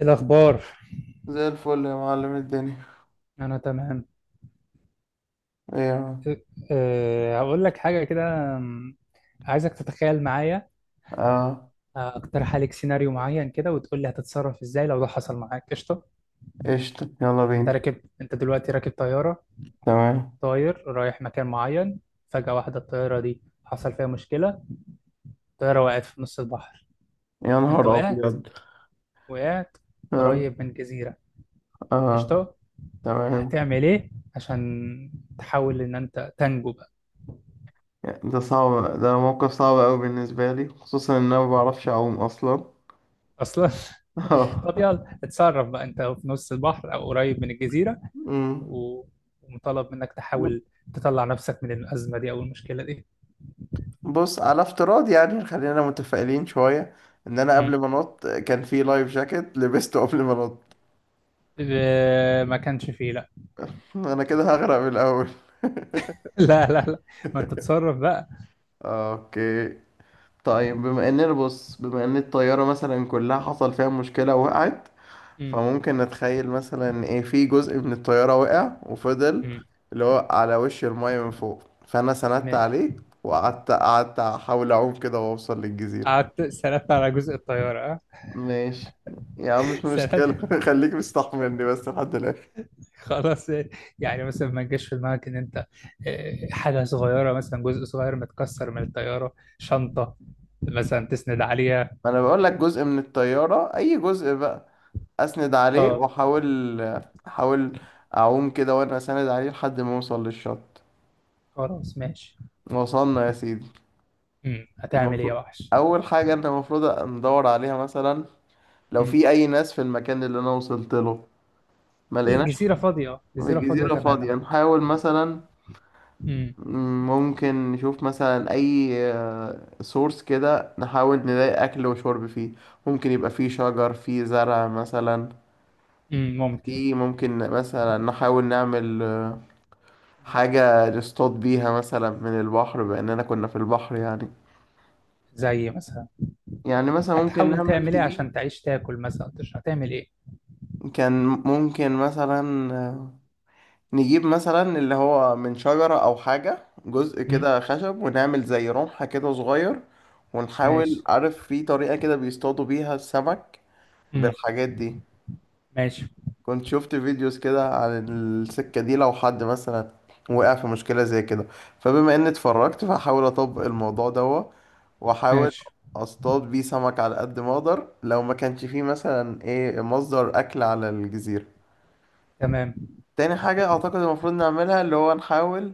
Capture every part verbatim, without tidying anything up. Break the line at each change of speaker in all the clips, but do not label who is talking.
إيه الأخبار؟
زي الفل يا معلم الدنيا.
أنا تمام.
ايه يا معلم؟
إيه، أه هقول لك حاجة كده. أم، عايزك تتخيل معايا.
اه.
أه، أقترح عليك سيناريو معين كده، وتقول لي هتتصرف إزاي لو ده حصل معاك. قشطة.
قشطة، يلا
أنت
بينا.
راكب أنت دلوقتي راكب طيارة،
تمام.
طاير رايح مكان معين. فجأة واحدة الطيارة دي حصل فيها مشكلة. الطيارة وقعت في نص البحر.
يا
أنت
نهار
وقعت،
أبيض.
وقعت
اه.
قريب من جزيرة.
اه.
قشطة.
تمام.
هتعمل إيه عشان تحاول إن أنت تنجو بقى؟
ده صعب، ده موقف صعب أوي بالنسبة لي، خصوصا إن أنا ما بعرفش أعوم أصلا.
أصلا. طب
اه.
يلا اتصرف بقى، انت في نص البحر او قريب من الجزيرة.
أمم.
و- ومطالب منك
ب-
تحاول تطلع نفسك من الأزمة دي او المشكلة دي.
بص، على افتراض يعني خلينا متفائلين شوية، إن أنا
مم.
قبل ما أنط كان في لايف جاكيت لبسته قبل ما أنط.
اه، ما كانش فيه لا.
أنا كده هغرق من الأول.
لا لا لا، ما انت تتصرف بقى.
اوكي. طيب بما اننا بص، بما ان الطيارة مثلا كلها حصل فيها مشكلة وقعت،
مم.
فممكن نتخيل مثلا ايه، في جزء من الطيارة وقع وفضل
مم.
اللي هو على وش المية من فوق، فانا سندت
ن-
عليه وقعدت قعدت احاول اعوم كده واوصل للجزيرة.
قعدت سردت على جزء الطيارة، اه.
ماشي يا عم مش
سردت.
مشكلة. خليك مستحملني بس لحد الاخر.
خلاص، اه، يعني مثلا ما جاش في دماغك ان انت اه، حاجة صغيرة مثلا جزء صغير متكسر من الطيارة، شنطة مثلا تسند عليها.
ما انا بقول لك جزء من الطيارة، اي جزء بقى اسند عليه
اه.
واحاول، احاول اعوم كده وانا اسند عليه لحد ما اوصل للشط.
خلاص ماشي.
وصلنا يا سيدي.
مم. هتعمل ايه يا
المفروض
وحش؟
اول حاجه انت المفروض ندور عليها مثلا لو في اي ناس في المكان اللي انا وصلت له. ما لقيناش،
الجزيرة فاضية، جزيرة فاضية
الجزيره
تماما.
فاضيه. نحاول مثلا
امم.
ممكن نشوف مثلا اي سورس كده، نحاول نلاقي اكل وشرب فيه. ممكن يبقى فيه شجر، فيه زرع مثلا.
امم ممكن.
في ممكن مثلا نحاول نعمل آه، حاجه نصطاد بيها مثلا من البحر، باننا كنا في البحر يعني.
زي مثلا.
يعني مثلا ممكن
هتحاول
نعمل
تعمل ايه عشان
تجيب،
تعيش؟ تاكل مثلا، تشرب؟ هتعمل ايه؟
كان ممكن مثلا آه، نجيب مثلا اللي هو من شجرة أو حاجة جزء
مم.
كده خشب ونعمل زي رمحة كده صغير. ونحاول،
ماشي.
عارف في طريقة كده بيصطادوا بيها السمك
مم.
بالحاجات دي.
ماشي.
كنت شفت فيديوز كده عن السكة دي لو حد مثلا وقع في مشكلة زي كده، فبما إني اتفرجت فهحاول أطبق الموضوع ده وأحاول
ماشي.
أصطاد بيه سمك على قد ما أقدر لو ما كانش فيه مثلا إيه مصدر أكل على الجزيرة.
تمام.
تاني حاجة أعتقد المفروض نعملها اللي هو نحاول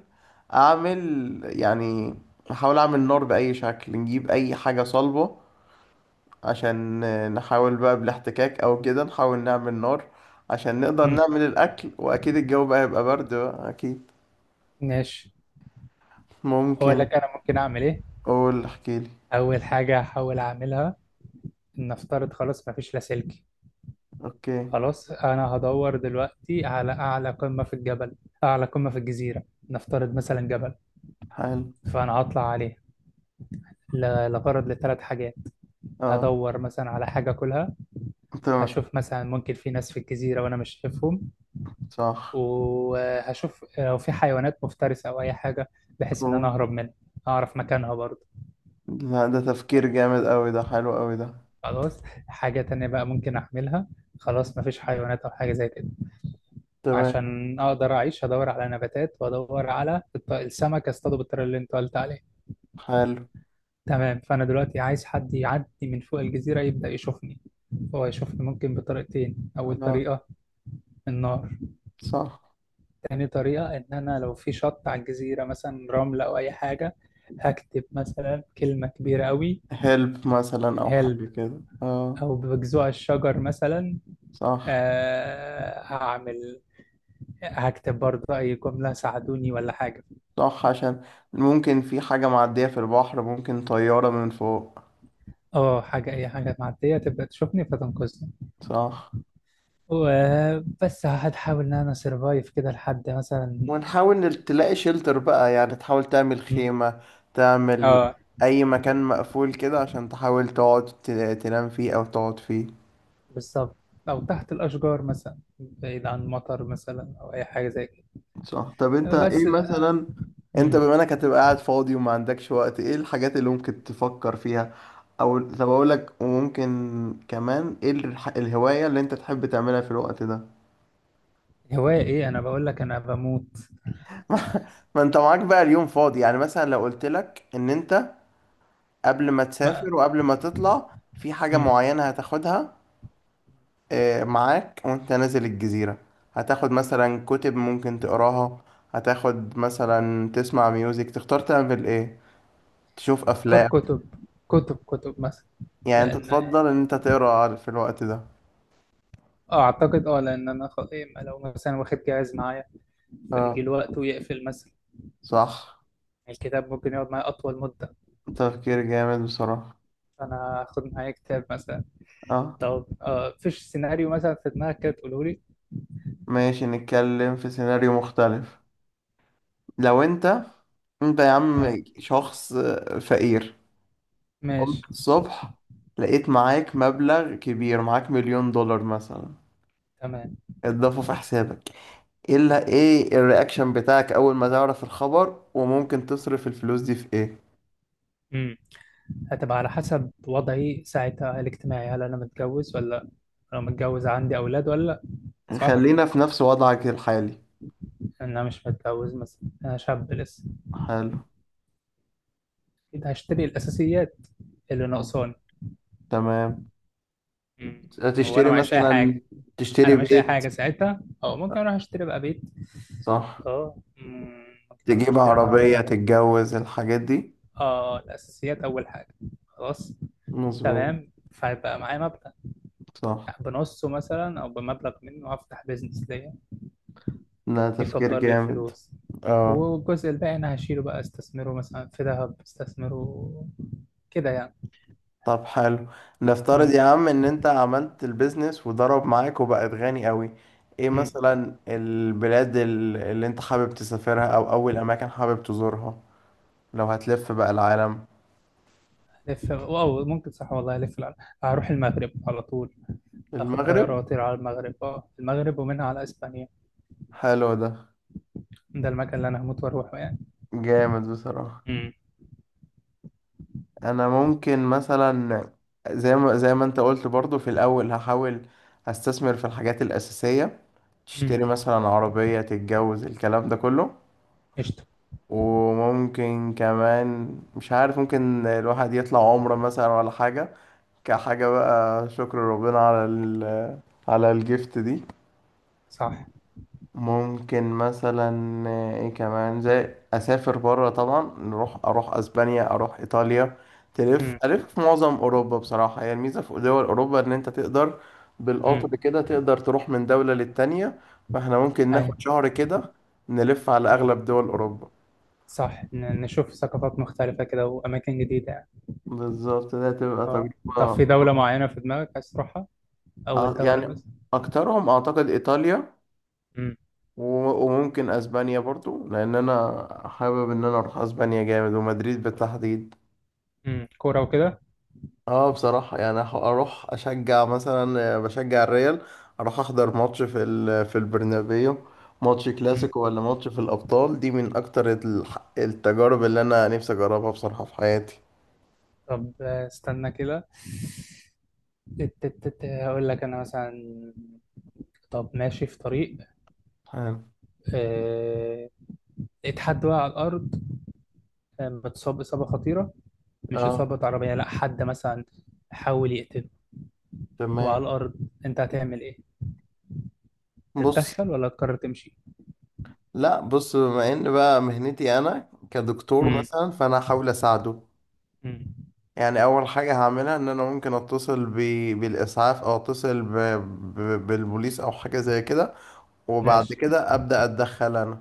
أعمل يعني نحاول أعمل نار بأي شكل، نجيب أي حاجة صلبة عشان نحاول بقى بالاحتكاك أو كده نحاول نعمل نار عشان نقدر
مم.
نعمل الأكل. وأكيد الجو بقى يبقى برد بقى أكيد.
ماشي. اقول
ممكن.
لك انا ممكن اعمل ايه.
قول احكيلي.
اول حاجة هحاول اعملها ان افترض خلاص مفيش لاسلكي.
أوكي.
خلاص، انا هدور دلوقتي على اعلى قمة في الجبل، اعلى قمة في الجزيرة، نفترض مثلا جبل.
حلو.
فانا هطلع عليه ل- لغرض لثلاث حاجات.
أه.
هدور مثلا على حاجة كلها.
تمام.
هشوف مثلا ممكن في ناس في الجزيرة وأنا مش شايفهم،
صح.
وهشوف لو في حيوانات مفترسة أو أي حاجة بحيث إن أنا
أوه.
أهرب منها، أعرف مكانها برضه.
لا، ده تفكير جامد أوي ده، حلو أوي ده.
خلاص. حاجة تانية بقى ممكن أعملها، خلاص مفيش حيوانات أو حاجة زي كده،
تمام.
عشان أقدر أعيش هدور على نباتات وأدور على الط- السمك أصطاده بالطريقة اللي أنت قلت عليها.
حلو.
تمام، فأنا دلوقتي عايز حد يعدي من فوق الجزيرة يبدأ يشوفني. هو يشوفني ممكن بطريقتين، أول
أه.
طريقة النار.
صح.
تاني طريقة، إن أنا لو في شط على الجزيرة مثلا، رملة أو أي حاجة، هكتب مثلا كلمة كبيرة أوي.
هيلب مثلا او
هلب،
حاجه كده، اه.
أو بجذوع الشجر مثلا.
صح.
آه هعمل هكتب برضه أي جملة ساعدوني ولا حاجة.
صح، عشان ممكن في حاجه معديه في البحر، ممكن طياره من فوق.
أه حاجة أي حاجة معدية تبدأ تشوفني فتنقذني.
صح.
وبس هحاول إن أنا سرفايف كده لحد مثلا.
ونحاول نل- تلاقي شيلتر بقى يعني، تحاول تعمل
مم.
خيمه، تعمل
أه،
اي مكان مقفول كده عشان تحاول تقعد ت- تنام فيه او تقعد فيه.
بالظبط، أو تحت الأشجار مثلا بعيد عن مطر مثلا أو أي حاجة زي
صح. طب انت
كده
ايه
بس.
مثلا، انت
مم.
بما انك هتبقى قاعد فاضي وما عندكش وقت ايه الحاجات اللي ممكن تفكر فيها؟ او طب اقول لك، وممكن كمان ايه الح- الهواية اللي انت تحب تعملها في الوقت ده؟
هواية ايه؟ انا بقول لك انا بموت.
ما, ما انت معاك بقى اليوم فاضي يعني، مثلا لو قلت لك ان انت قبل ما
ما.
تسافر وقبل ما تطلع في حاجة
مم.
معينة هتاخدها اه، معاك وانت نازل الجزيرة، هتاخد مثلا كتب ممكن تقراها، هتاخد مثلا تسمع ميوزك، تختار تعمل ايه؟ تشوف
اختار
افلام؟
كتب. كتب، كتب مثلا.
يعني انت
لان
تفضل ان انت تقرا في الوقت ده؟
اه اعتقد اه لان انا خ... إيه لو مثلا واخد جهاز معايا فيجي
اه.
الوقت ويقفل مثلا،
صح.
الكتاب ممكن يقعد معايا اطول مدة.
تفكير جامد بصراحة.
فانا هاخد معايا كتاب مثلا.
اه.
طب، آه فيش سيناريو مثلا في دماغك كده تقوله لي؟
ماشي، نتكلم في سيناريو مختلف. لو انت، انت يا
تمام.
عم شخص فقير
ماشي.
قمت الصبح لقيت معاك مبلغ كبير، معاك مليون دولار مثلا
تمام.
اتضافوا في حسابك. ايه اللي، ايه الرياكشن بتاعك اول ما تعرف الخبر؟ وممكن تصرف الفلوس دي في ايه؟
مم. هتبقى على حسب وضعي ساعتها الاجتماعي، هل انا متجوز ولا لأ؟ لو متجوز عندي اولاد ولا لأ؟ صح.
خلينا في نفس وضعك الحالي.
إن انا مش متجوز مثلا، انا شاب لسه.
حلو.
اكيد هشتري الاساسيات اللي ناقصاني.
تمام.
مم، وانا
تشتري
معيش اي
مثلا،
حاجه. انا
تشتري
معيش اي
بيت.
حاجه ساعتها، او ممكن اروح اشتري بقى بيت.
صح.
اه. مم، ممكن اروح
تجيب
اشتري
عربية،
عربيه.
تتجوز، الحاجات دي.
اه، الاساسيات اول حاجه. خلاص.
مظبوط.
تمام، فيبقى معايا مبلغ.
صح.
يعني بنصه مثلا او بمبلغ منه هفتح بيزنس ليا
ده تفكير
يكبر لي
جامد.
الفلوس.
اه.
والجزء الباقي انا هشيله بقى استثمره مثلا في ذهب، استثمره كده يعني.
طب حلو. نفترض يا عم ان انت عملت البيزنس وضرب معاك وبقت غني قوي، ايه
مم.
مثلا البلاد ال- اللي انت حابب تسافرها او اول اماكن حابب تزورها لو هتلف بقى العالم؟
لف، واو، ممكن صح والله الف العالم. هروح المغرب على طول. اخد طياره
المغرب؟
واطير على المغرب، اه المغرب ومنها على اسبانيا.
حلو ده.
ده المكان اللي انا هموت واروحه يعني.
جامد بصراحة.
امم.
انا ممكن مثلا زي ما زي ما انت قلت برضو في الاول هحاول استثمر في الحاجات الاساسيه،
امم.
تشتري مثلا عربيه، تتجوز، الكلام ده كله.
قشطه.
وممكن كمان مش عارف ممكن الواحد يطلع عمره مثلا ولا حاجه، كحاجه بقى شكر ربنا على ال... على الجفت دي.
صح.
ممكن مثلا آه، ايه كمان زي اسافر بره طبعا، نروح اروح اسبانيا، اروح ايطاليا. تلف
امم.
الف في معظم اوروبا بصراحه. هي الميزه في دول اوروبا ان انت تقدر بالقطر
امم.
كده تقدر تروح من دوله للتانيه، فاحنا ممكن ناخد
ايوه.
شهر كده نلف على
مم.
اغلب دول اوروبا.
صح، ن- نشوف ثقافات مختلفه كده واماكن جديده يعني.
بالظبط، ده تبقى
اه. طب
تجربه.
في دوله معينه في دماغك عايز تروحها؟
آه،
اول دوله
يعني
مثلا؟
اكترهم اعتقد ايطاليا.
امم.
و- وممكن اسبانيا برضو، لان انا حابب ان انا اروح اسبانيا جامد ومدريد بالتحديد.
امم كوره وكده.
اه بصراحة يعني أح- اروح اشجع مثلا آه، بشجع الريال، اروح احضر ماتش في ال- في البرنابيو، ماتش
امم.
كلاسيكو ولا ماتش في الابطال، دي من اكتر الح- التجارب اللي انا نفسي اجربها بصراحة في حياتي.
طب، آه، استنى كده. تت- تت- تت- هقول لك انا مثلا. طب، ماشي في طريق،
حلو.
آه، اتحد وقع على الأرض. آه، اتصاب إصابة خطيرة. مش
اه.
إصابة عربية، لأ، حد مثلا حاول يقتله وعلى
تمام.
الأرض. أنت هتعمل إيه؟
بص.
تتدخل ولا تقرر تمشي؟
لا بص، بما ان بقى مهنتي انا كدكتور
امم.
مثلا، فانا هحاول اساعده.
امم.
يعني اول حاجة هعملها ان انا ممكن اتصل ب... بالاسعاف او اتصل ب... ب... بالبوليس او حاجة زي كده، وبعد
ماشي.
كده أبدأ أتدخل أنا،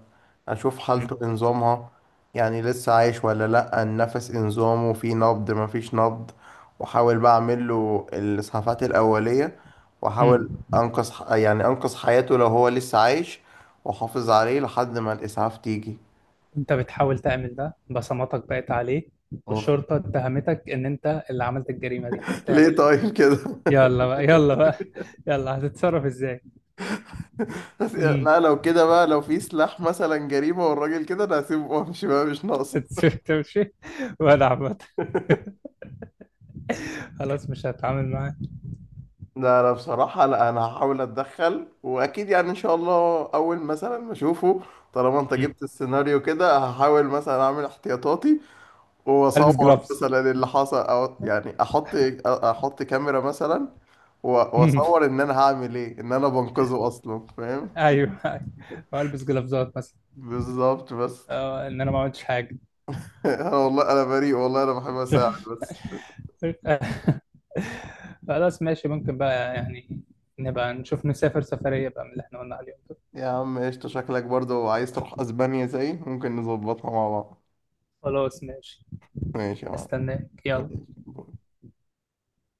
أشوف
امم.
حالته إيه نظامها، يعني لسه عايش ولا لأ، النفس إيه نظامه، في نبض مفيش نبض، وأحاول بقى أعمل له الإسعافات الأولية
امم.
وأحاول أنقذ ح- يعني أنقذ حياته لو هو لسه عايش وأحافظ عليه لحد ما الإسعاف تيجي.
أنت بتحاول تعمل ده، بصماتك بقت عليه
اوف.
والشرطة اتهمتك إن أنت اللي عملت الجريمة دي،
ليه
هتعمل إيه؟
طيب كده؟
يلا بقى، يلا بقى، يلا هتتصرف إزاي؟
بس
امم.
لا، لو كده بقى لو في سلاح مثلا جريمة والراجل كده، أنا هسيبه وأمشي بقى، مش ناقص.
تمشي ولا عبط؟ خلاص مش هتعامل معاه.
لا انا بصراحة، لا انا هحاول اتدخل واكيد يعني ان شاء الله، اول مثلا ما اشوفه طالما انت
مم.
جبت السيناريو كده، هحاول مثلا اعمل احتياطاتي
ألبس
واصور
جلافز.
مثلا اللي حصل، او يعني احط احط كاميرا مثلا، و-
أمم.
واصور ان انا هعمل ايه، ان انا بنقذه اصلا فاهم.
ايوه، أيوة. والبس جلافزات مثلا،
بالظبط بس.
آه، ان انا ما عملتش حاجه.
انا والله انا بريء، والله انا بحب اساعد بس.
خلاص ماشي، ممكن بقى يعني نبقى نشوف نسافر سفريه بقى من اللي احنا قلنا عليهم دول.
يا عم قشطة، شكلك برضه عايز تروح اسبانيا زي ممكن نظبطها مع بعض.
خلاص ماشي.
ماشي يا معلم.
استناك يلا.
ماشي.